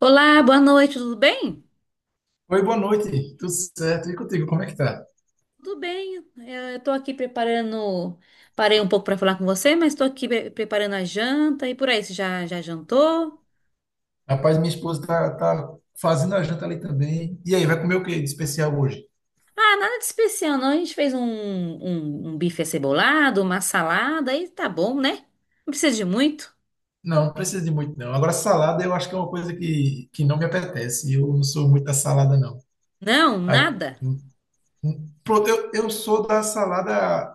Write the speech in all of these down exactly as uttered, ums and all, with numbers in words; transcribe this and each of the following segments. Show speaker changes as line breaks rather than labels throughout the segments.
Olá, boa noite, tudo bem?
Oi, boa noite. Tudo certo? E contigo, como é que tá?
Tudo bem, é, eu estou aqui preparando. Parei um pouco para falar com você, mas estou aqui pre- preparando a janta e por aí. Você já, já jantou?
Rapaz, minha esposa tá, tá fazendo a janta ali também. E aí, vai comer o que de especial hoje?
Ah, nada de especial, não. A gente fez um, um, um bife acebolado, uma salada e tá bom, né? Não precisa de muito.
Não, não precisa de muito, não. Agora, salada eu acho que é uma coisa que, que não me apetece. Eu não sou muito da salada, não.
Não,
A-
nada.
hum, hum. Pronto, eu, eu sou da salada,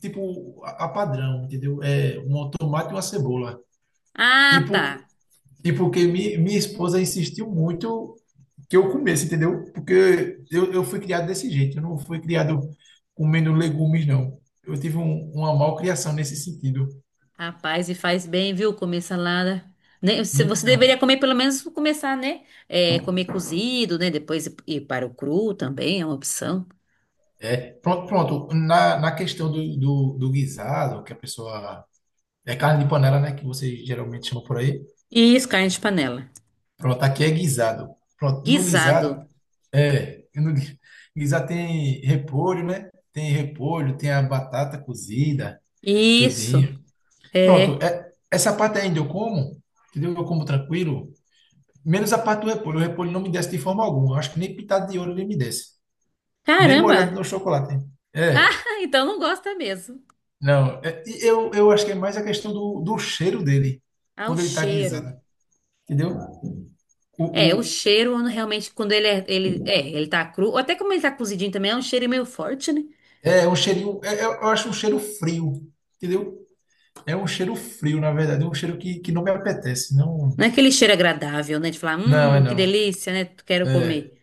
tipo, a, a padrão, entendeu? É um tomate e uma cebola.
Ah, tá.
Tipo, e porque mi, minha esposa insistiu muito que eu comesse, entendeu? Porque eu, eu fui criado desse jeito, eu não fui criado comendo legumes, não. Eu tive um, uma malcriação nesse sentido.
Rapaz, e faz bem, viu, comer salada. Né, Você você
Então,
deveria comer, pelo menos começar, né? É, comer cozido, né? Depois ir ir para o cru também é uma opção.
é, pronto, pronto. Na, na questão do, do, do guisado, que a pessoa. É carne de panela, né? Que vocês geralmente chamam por aí.
Isso, carne de panela.
Pronto, aqui é guisado. Pronto, no guisado,
Guisado.
é. No gui- guisado tem repolho, né? Tem repolho, tem a batata cozida,
Isso.
tudinho. Pronto,
É.
é- essa parte ainda eu como, entendeu? Eu como tranquilo. Menos a parte do repolho. O repolho não me desce de forma alguma. Eu acho que nem pintado de ouro ele me desce. Nem molhado no
Caramba!
chocolate.
Ah,
É,
então não gosta mesmo.
não. é- e eu, eu acho que é mais a questão do, do cheiro dele,
Ah, o
quando ele tá
cheiro.
guisado, entendeu? O,
É, o
o,
cheiro realmente, quando ele é, ele, é, ele tá cru, ou até como ele tá cozidinho também, é um cheiro meio forte, né?
é é um cheirinho, é- é- eu acho um cheiro frio, entendeu? É um cheiro frio, na verdade. É um cheiro que, que não me apetece. Não,
Não é aquele cheiro agradável, né? De falar,
não, é
hum, que
não.
delícia, né? Quero
É.
comer.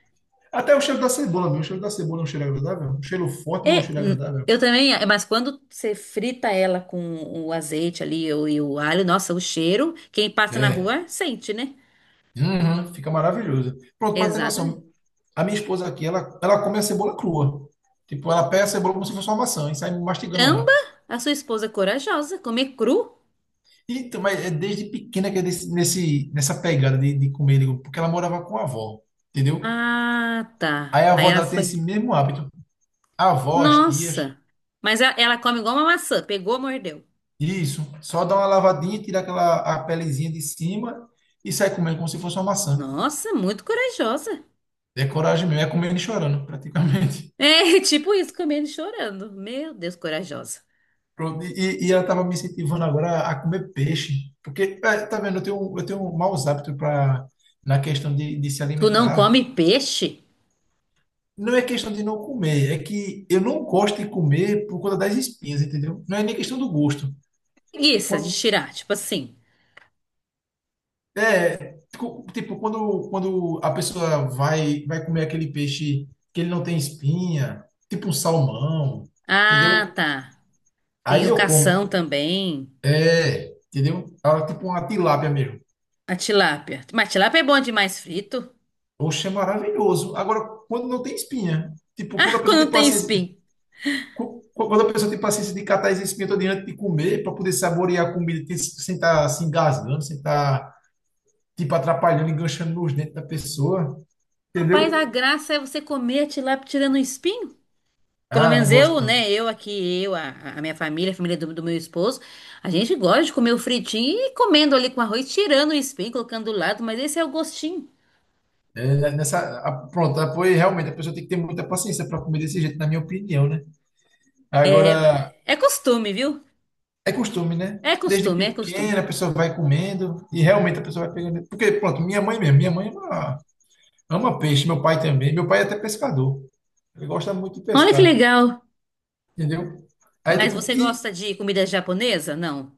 Até o cheiro da cebola, meu. O cheiro da cebola é um cheiro agradável. Um cheiro forte, mas é um
É,
cheiro
hum,
agradável.
eu também, é, mas quando você frita ela com o azeite ali e o e o alho, nossa, o cheiro, quem passa na
É.
rua sente, né?
Uhum, fica maravilhoso. Pronto, para ter
Exatamente.
noção, a minha esposa aqui, ela, ela come a cebola crua. Tipo, ela pega a cebola como se fosse uma maçã e sai mastigando
Caramba,
ela.
a sua esposa é corajosa, comer cru?
Então, mas é desde pequena que é desse- nesse, nessa pegada de, de comer, digo, porque ela morava com a avó, entendeu?
Ah,
Aí
tá.
a
Aí
avó
ela
dela tem
foi.
esse mesmo hábito. A avó, as tias,
Nossa. Mas ela, ela come igual uma maçã, pegou, mordeu.
isso, só dá uma lavadinha, tira aquela a pelezinha de cima e sai comendo como se fosse uma maçã.
Nossa, muito corajosa.
É coragem mesmo, é comendo e chorando, praticamente.
É, tipo isso, comendo e chorando. Meu Deus, corajosa.
Pronto, E, e ela estava me incentivando agora a comer peixe, porque, é, tá vendo, eu tenho, eu tenho um maus hábitos pra, na questão de, de se
Tu não
alimentar.
come peixe?
Não é questão de não comer, é que eu não gosto de comer por conta das espinhas, entendeu? Não é nem questão do gosto.
Preguiça de
Quando-
tirar, tipo assim.
é, tipo, tipo, quando, quando a pessoa vai, vai comer aquele peixe que ele não tem espinha, tipo um salmão,
Ah,
entendeu?
tá. Tem
Aí
o
eu como.
cação também.
É, entendeu? Ah, tipo uma tilápia mesmo.
A tilápia. Mas tilápia é bom demais frito.
Oxe, é maravilhoso. Agora, quando não tem espinha, tipo, quando
Ah,
a pessoa tem
quando tem
paciência,
espinho.
cu- quando a pessoa tem paciência de catar as espinhas todas antes de comer, para poder saborear a comida tem- sem estar se engasgando, sem estar, tipo, atrapalhando, enganchando nos dentes da pessoa,
Rapaz,
entendeu?
a graça é você comer a tilápia tirando o espinho? Pelo
Ah, não
menos
gosto
eu,
não.
né? Eu aqui, eu, a, a minha família, a família do, do meu esposo, a gente gosta de comer o fritinho e comendo ali com arroz, tirando o espinho, colocando do lado, mas esse é o gostinho.
É, né, nessa, a- pronto, ah, pois realmente a pessoa tem que ter muita paciência para comer desse jeito, na minha opinião, né? Agora,
É, é costume, viu?
é costume, né?
É
Desde
costume, é costume.
pequena a pessoa vai comendo e realmente a pessoa vai pegando. Porque, pronto, minha mãe mesmo, minha mãe é uma. Ama peixe, meu pai também. Meu pai é até pescador. Ele gosta muito de
Olha que
pescar,
legal.
entendeu? Aí
Mas
tipo,
você
e
gosta de comida japonesa? Não.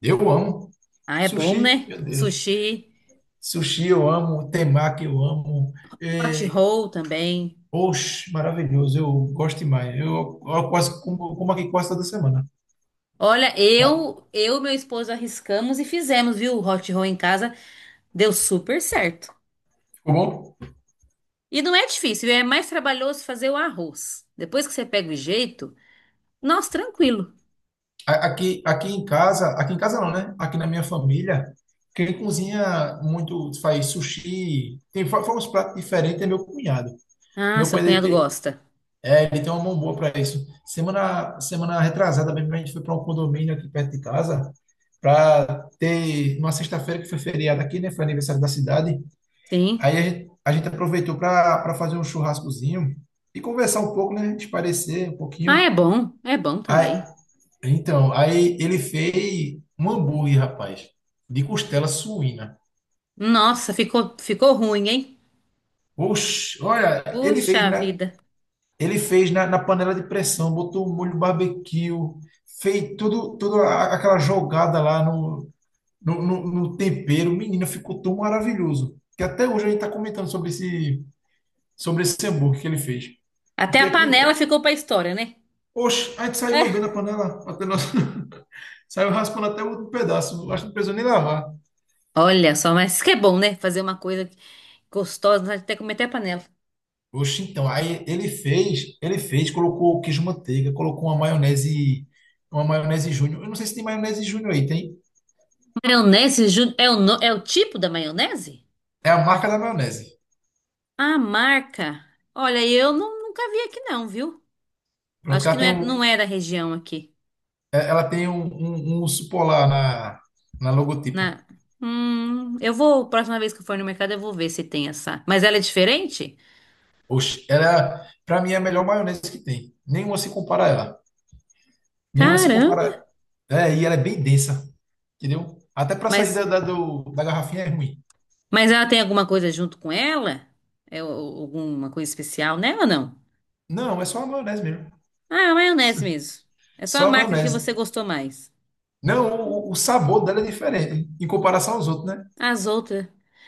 eu amo
Ah, é bom,
sushi,
né?
meu Deus.
Sushi,
Sushi eu amo, temaki eu amo.
hot
É,
roll também.
oxe, maravilhoso, eu gosto demais. Eu, eu quase como, como aqui quase toda semana.
Olha,
Tá?
eu, eu e meu esposo arriscamos e fizemos, viu? O hot roll em casa deu super certo.
Ficou bom?
E não é difícil, é mais trabalhoso fazer o arroz. Depois que você pega o jeito, nossa, tranquilo.
A- Aqui, aqui em casa, aqui em casa não, né? Aqui na minha família, quem cozinha muito faz sushi, tem fa- faz uns pratos diferentes é meu cunhado.
Ah,
Meu
seu
cunhado, ele
cunhado
tem-
gosta.
é, ele tem uma mão boa para isso. Semana, semana retrasada mesmo, a gente foi para um condomínio aqui perto de casa, para ter uma sexta-feira que foi feriado aqui, né? Foi aniversário da cidade.
Sim.
Aí a gente, a gente aproveitou para para fazer um churrascozinho e conversar um pouco, né? Esparecer um
Ah,
pouquinho.
é bom, é bom
Aí,
também.
então, aí ele fez um hambúrguer, rapaz, de costela suína.
Nossa, ficou, ficou ruim, hein?
Oxe, olha, ele fez,
Puxa
né?
vida.
Ele fez na, na panela de pressão, botou um molho barbecue, fez tudo, tudo a- aquela jogada lá no, no, no- no tempero. Menino, ficou tão maravilhoso. Que até hoje a gente está comentando sobre esse, sobre esse hambúrguer que ele fez.
Até
Porque
a
aqui em
panela
casa.
ficou pra história, né?
Oxe, a gente saiu lambendo a
É.
panela. Até nós. Saiu raspando até o último pedaço. Acho que não precisou nem lavar.
Olha só, mas isso que é bom, né? Fazer uma coisa gostosa, né? Até comer até a panela.
Oxe, então. Aí ele fez, ele fez, colocou queijo manteiga, colocou uma maionese, uma maionese Júnior. Eu não sei se tem maionese Júnior aí, tem?
Maionese ju- é o, no- é o tipo da maionese?
É a marca da maionese.
A marca. Olha, eu não- nunca vi aqui não, viu?
Pronto,
Acho
que
que
ela
não
tem
é,
um,
não é da região aqui.
é- ela tem um, um, um urso polar na, na logotipo.
Né? Hum, eu vou, próxima vez que eu for no mercado, eu vou ver se tem essa. Mas ela é diferente?
Oxe, era, pra mim, é a melhor maionese que tem. Nenhuma se compara a ela. Nenhuma se
Caramba!
compara. É, e ela é bem densa, entendeu? Até pra sair
Mas,
da, da, do- da garrafinha é ruim.
mas ela tem alguma coisa junto com ela? É o- alguma coisa especial nela ou não?
Não, é só a maionese mesmo.
Ah, é a maionese mesmo. É só a
Só a
marca que você
maionese.
gostou mais.
Não, o, o sabor dela é diferente em comparação aos outros, né?
As outras.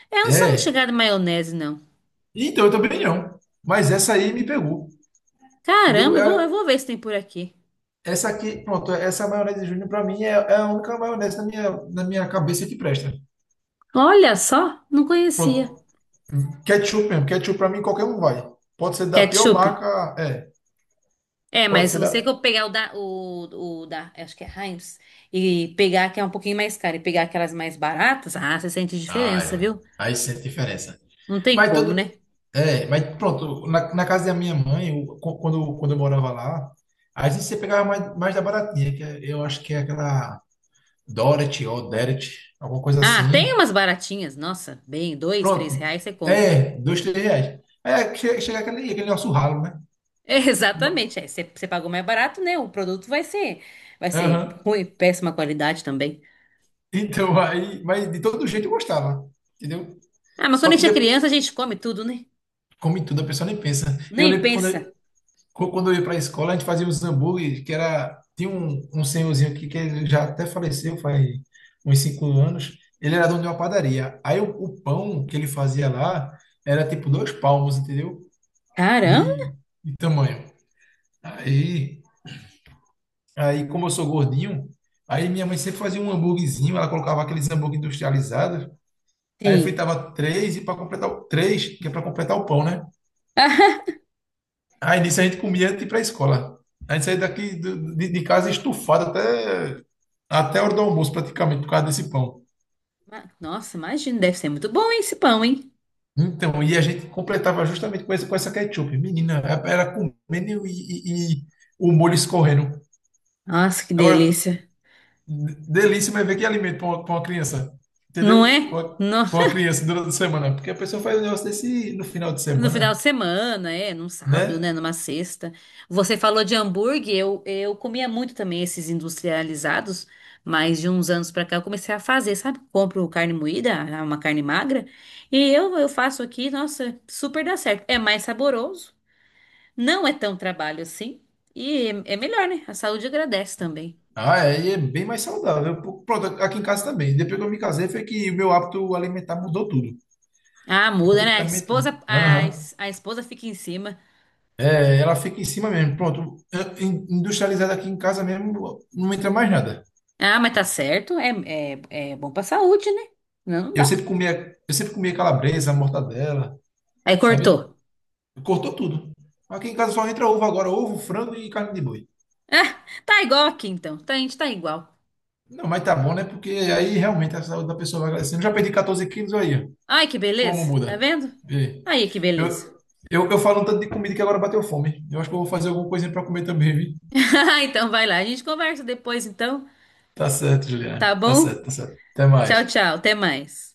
É, eu não sou muito
É.
chegada em maionese, não.
Então, eu também não. Mas essa aí me pegou, entendeu?
Caramba, eu vou, eu
É,
vou ver se tem por aqui.
essa aqui, pronto, essa maionese de Júnior para mim é, é a única maionese na minha, na minha cabeça que presta.
Olha só, não conhecia.
Pronto. Ketchup mesmo, ketchup para mim qualquer um vai. Pode ser da pior
Ketchup?
marca, é.
É,
Pode
mas se
ser
você que
da.
eu pegar o da, o, o da, acho que é Heinz, e pegar que é um pouquinho mais caro e pegar aquelas mais baratas, ah, você sente
Ah,
diferença,
é.
viu?
Aí sente diferença.
Não tem
Mas
como,
todo.
né?
É, mas pronto, na, na casa da minha mãe, o- qu- quando, quando eu morava lá, às vezes você pegava mais, mais da baratinha, que é- eu acho que é aquela Dorothy ou Derek, alguma coisa
Ah, tem
assim.
umas baratinhas, nossa, bem, dois, três
Pronto.
reais você compra.
É, dois, três reais. É, che- chega aquele, aquele nosso ralo, né?
Exatamente, é, você, você pagou mais barato, né? O produto vai ser, vai ser
Aham.
ruim, péssima qualidade também.
Então, aí, mas de todo jeito eu gostava, entendeu?
Ah, mas
Só
quando a
que,
gente é
de-
criança, a gente come tudo, né?
como em tudo, a pessoa nem pensa. Eu
Nem
lembro que quando
pensa.
eu, qu- quando eu ia para a escola, a gente fazia uns hambúrgueres, que era. Tinha um, um senhorzinho aqui que ele já até faleceu faz uns cinco anos. Ele era dono de uma padaria. Aí o, o pão que ele fazia lá era tipo dois palmos, entendeu? De,
Caramba,
de tamanho. Aí, aí, como eu sou gordinho, aí minha mãe sempre fazia um hambúrguerzinho, ela colocava aqueles hambúrguer industrializados. Aí
tem.
fritava três e para completar o três, que é para completar o pão, né? Aí nisso a gente comia antes de ir para a escola. A gente saía daqui do- de, de casa estufado até, até a hora do almoço, praticamente, por causa desse pão.
Ma- Nossa, imagina, deve ser muito bom hein, esse pão, hein?
Então, e a gente completava justamente com essa, com essa ketchup. Menina, era comendo e, e- e o molho escorrendo.
Nossa, que
Agora,
delícia.
d- delícia, mas ver que alimento para uma, pra uma criança,
Não
entendeu? Para
é?
uma,
No,
pra uma criança durante a semana. Porque a pessoa faz um negócio desse no final de
no final
semana,
de semana, é, num sábado,
né?
né, numa sexta. Você falou de hambúrguer, eu, eu comia muito também esses industrializados, mas de uns anos pra cá eu comecei a fazer, sabe? Compro carne moída, ah, uma carne magra, e eu, eu faço aqui, nossa, super dá certo. É mais saboroso, não é tão trabalho assim, e é, é melhor, né? A saúde agradece também.
Ah, é, e é bem mais saudável. Pô, pronto, aqui em casa também. Depois que eu me casei, foi que o meu hábito alimentar mudou tudo.
Ah, muda, né? A
Praticamente tudo.
esposa, a,
Aham.
es- a esposa fica em cima.
É, ela fica em cima mesmo. Pronto, é, in- industrializada aqui em casa mesmo, não entra mais nada.
Ah, mas tá certo, é, é, é bom pra saúde, né? Não
Eu
dá.
sempre comia, eu sempre comia calabresa, mortadela,
Aí cortou.
sabe? Cortou tudo. Aqui em casa só entra ovo agora, ovo, frango e carne de boi.
Ah, tá igual aqui então. Tá, a gente tá igual.
Não, mas tá bom, né? Porque aí realmente a saúde da pessoa vai crescendo. Já perdi quatorze quilos aí, ó.
Ai, que
Como
beleza. Tá
muda?
vendo?
Vê aí.
Aí, que
Eu,
beleza.
eu, eu falo um tanto de comida que agora bateu fome. Eu acho que eu vou fazer alguma coisa para comer também, vi?
Então vai lá. A gente conversa depois então.
Tá certo,
Tá
Juliana. Tá
bom?
certo, tá certo. Até
Tchau,
mais.
tchau. Até mais.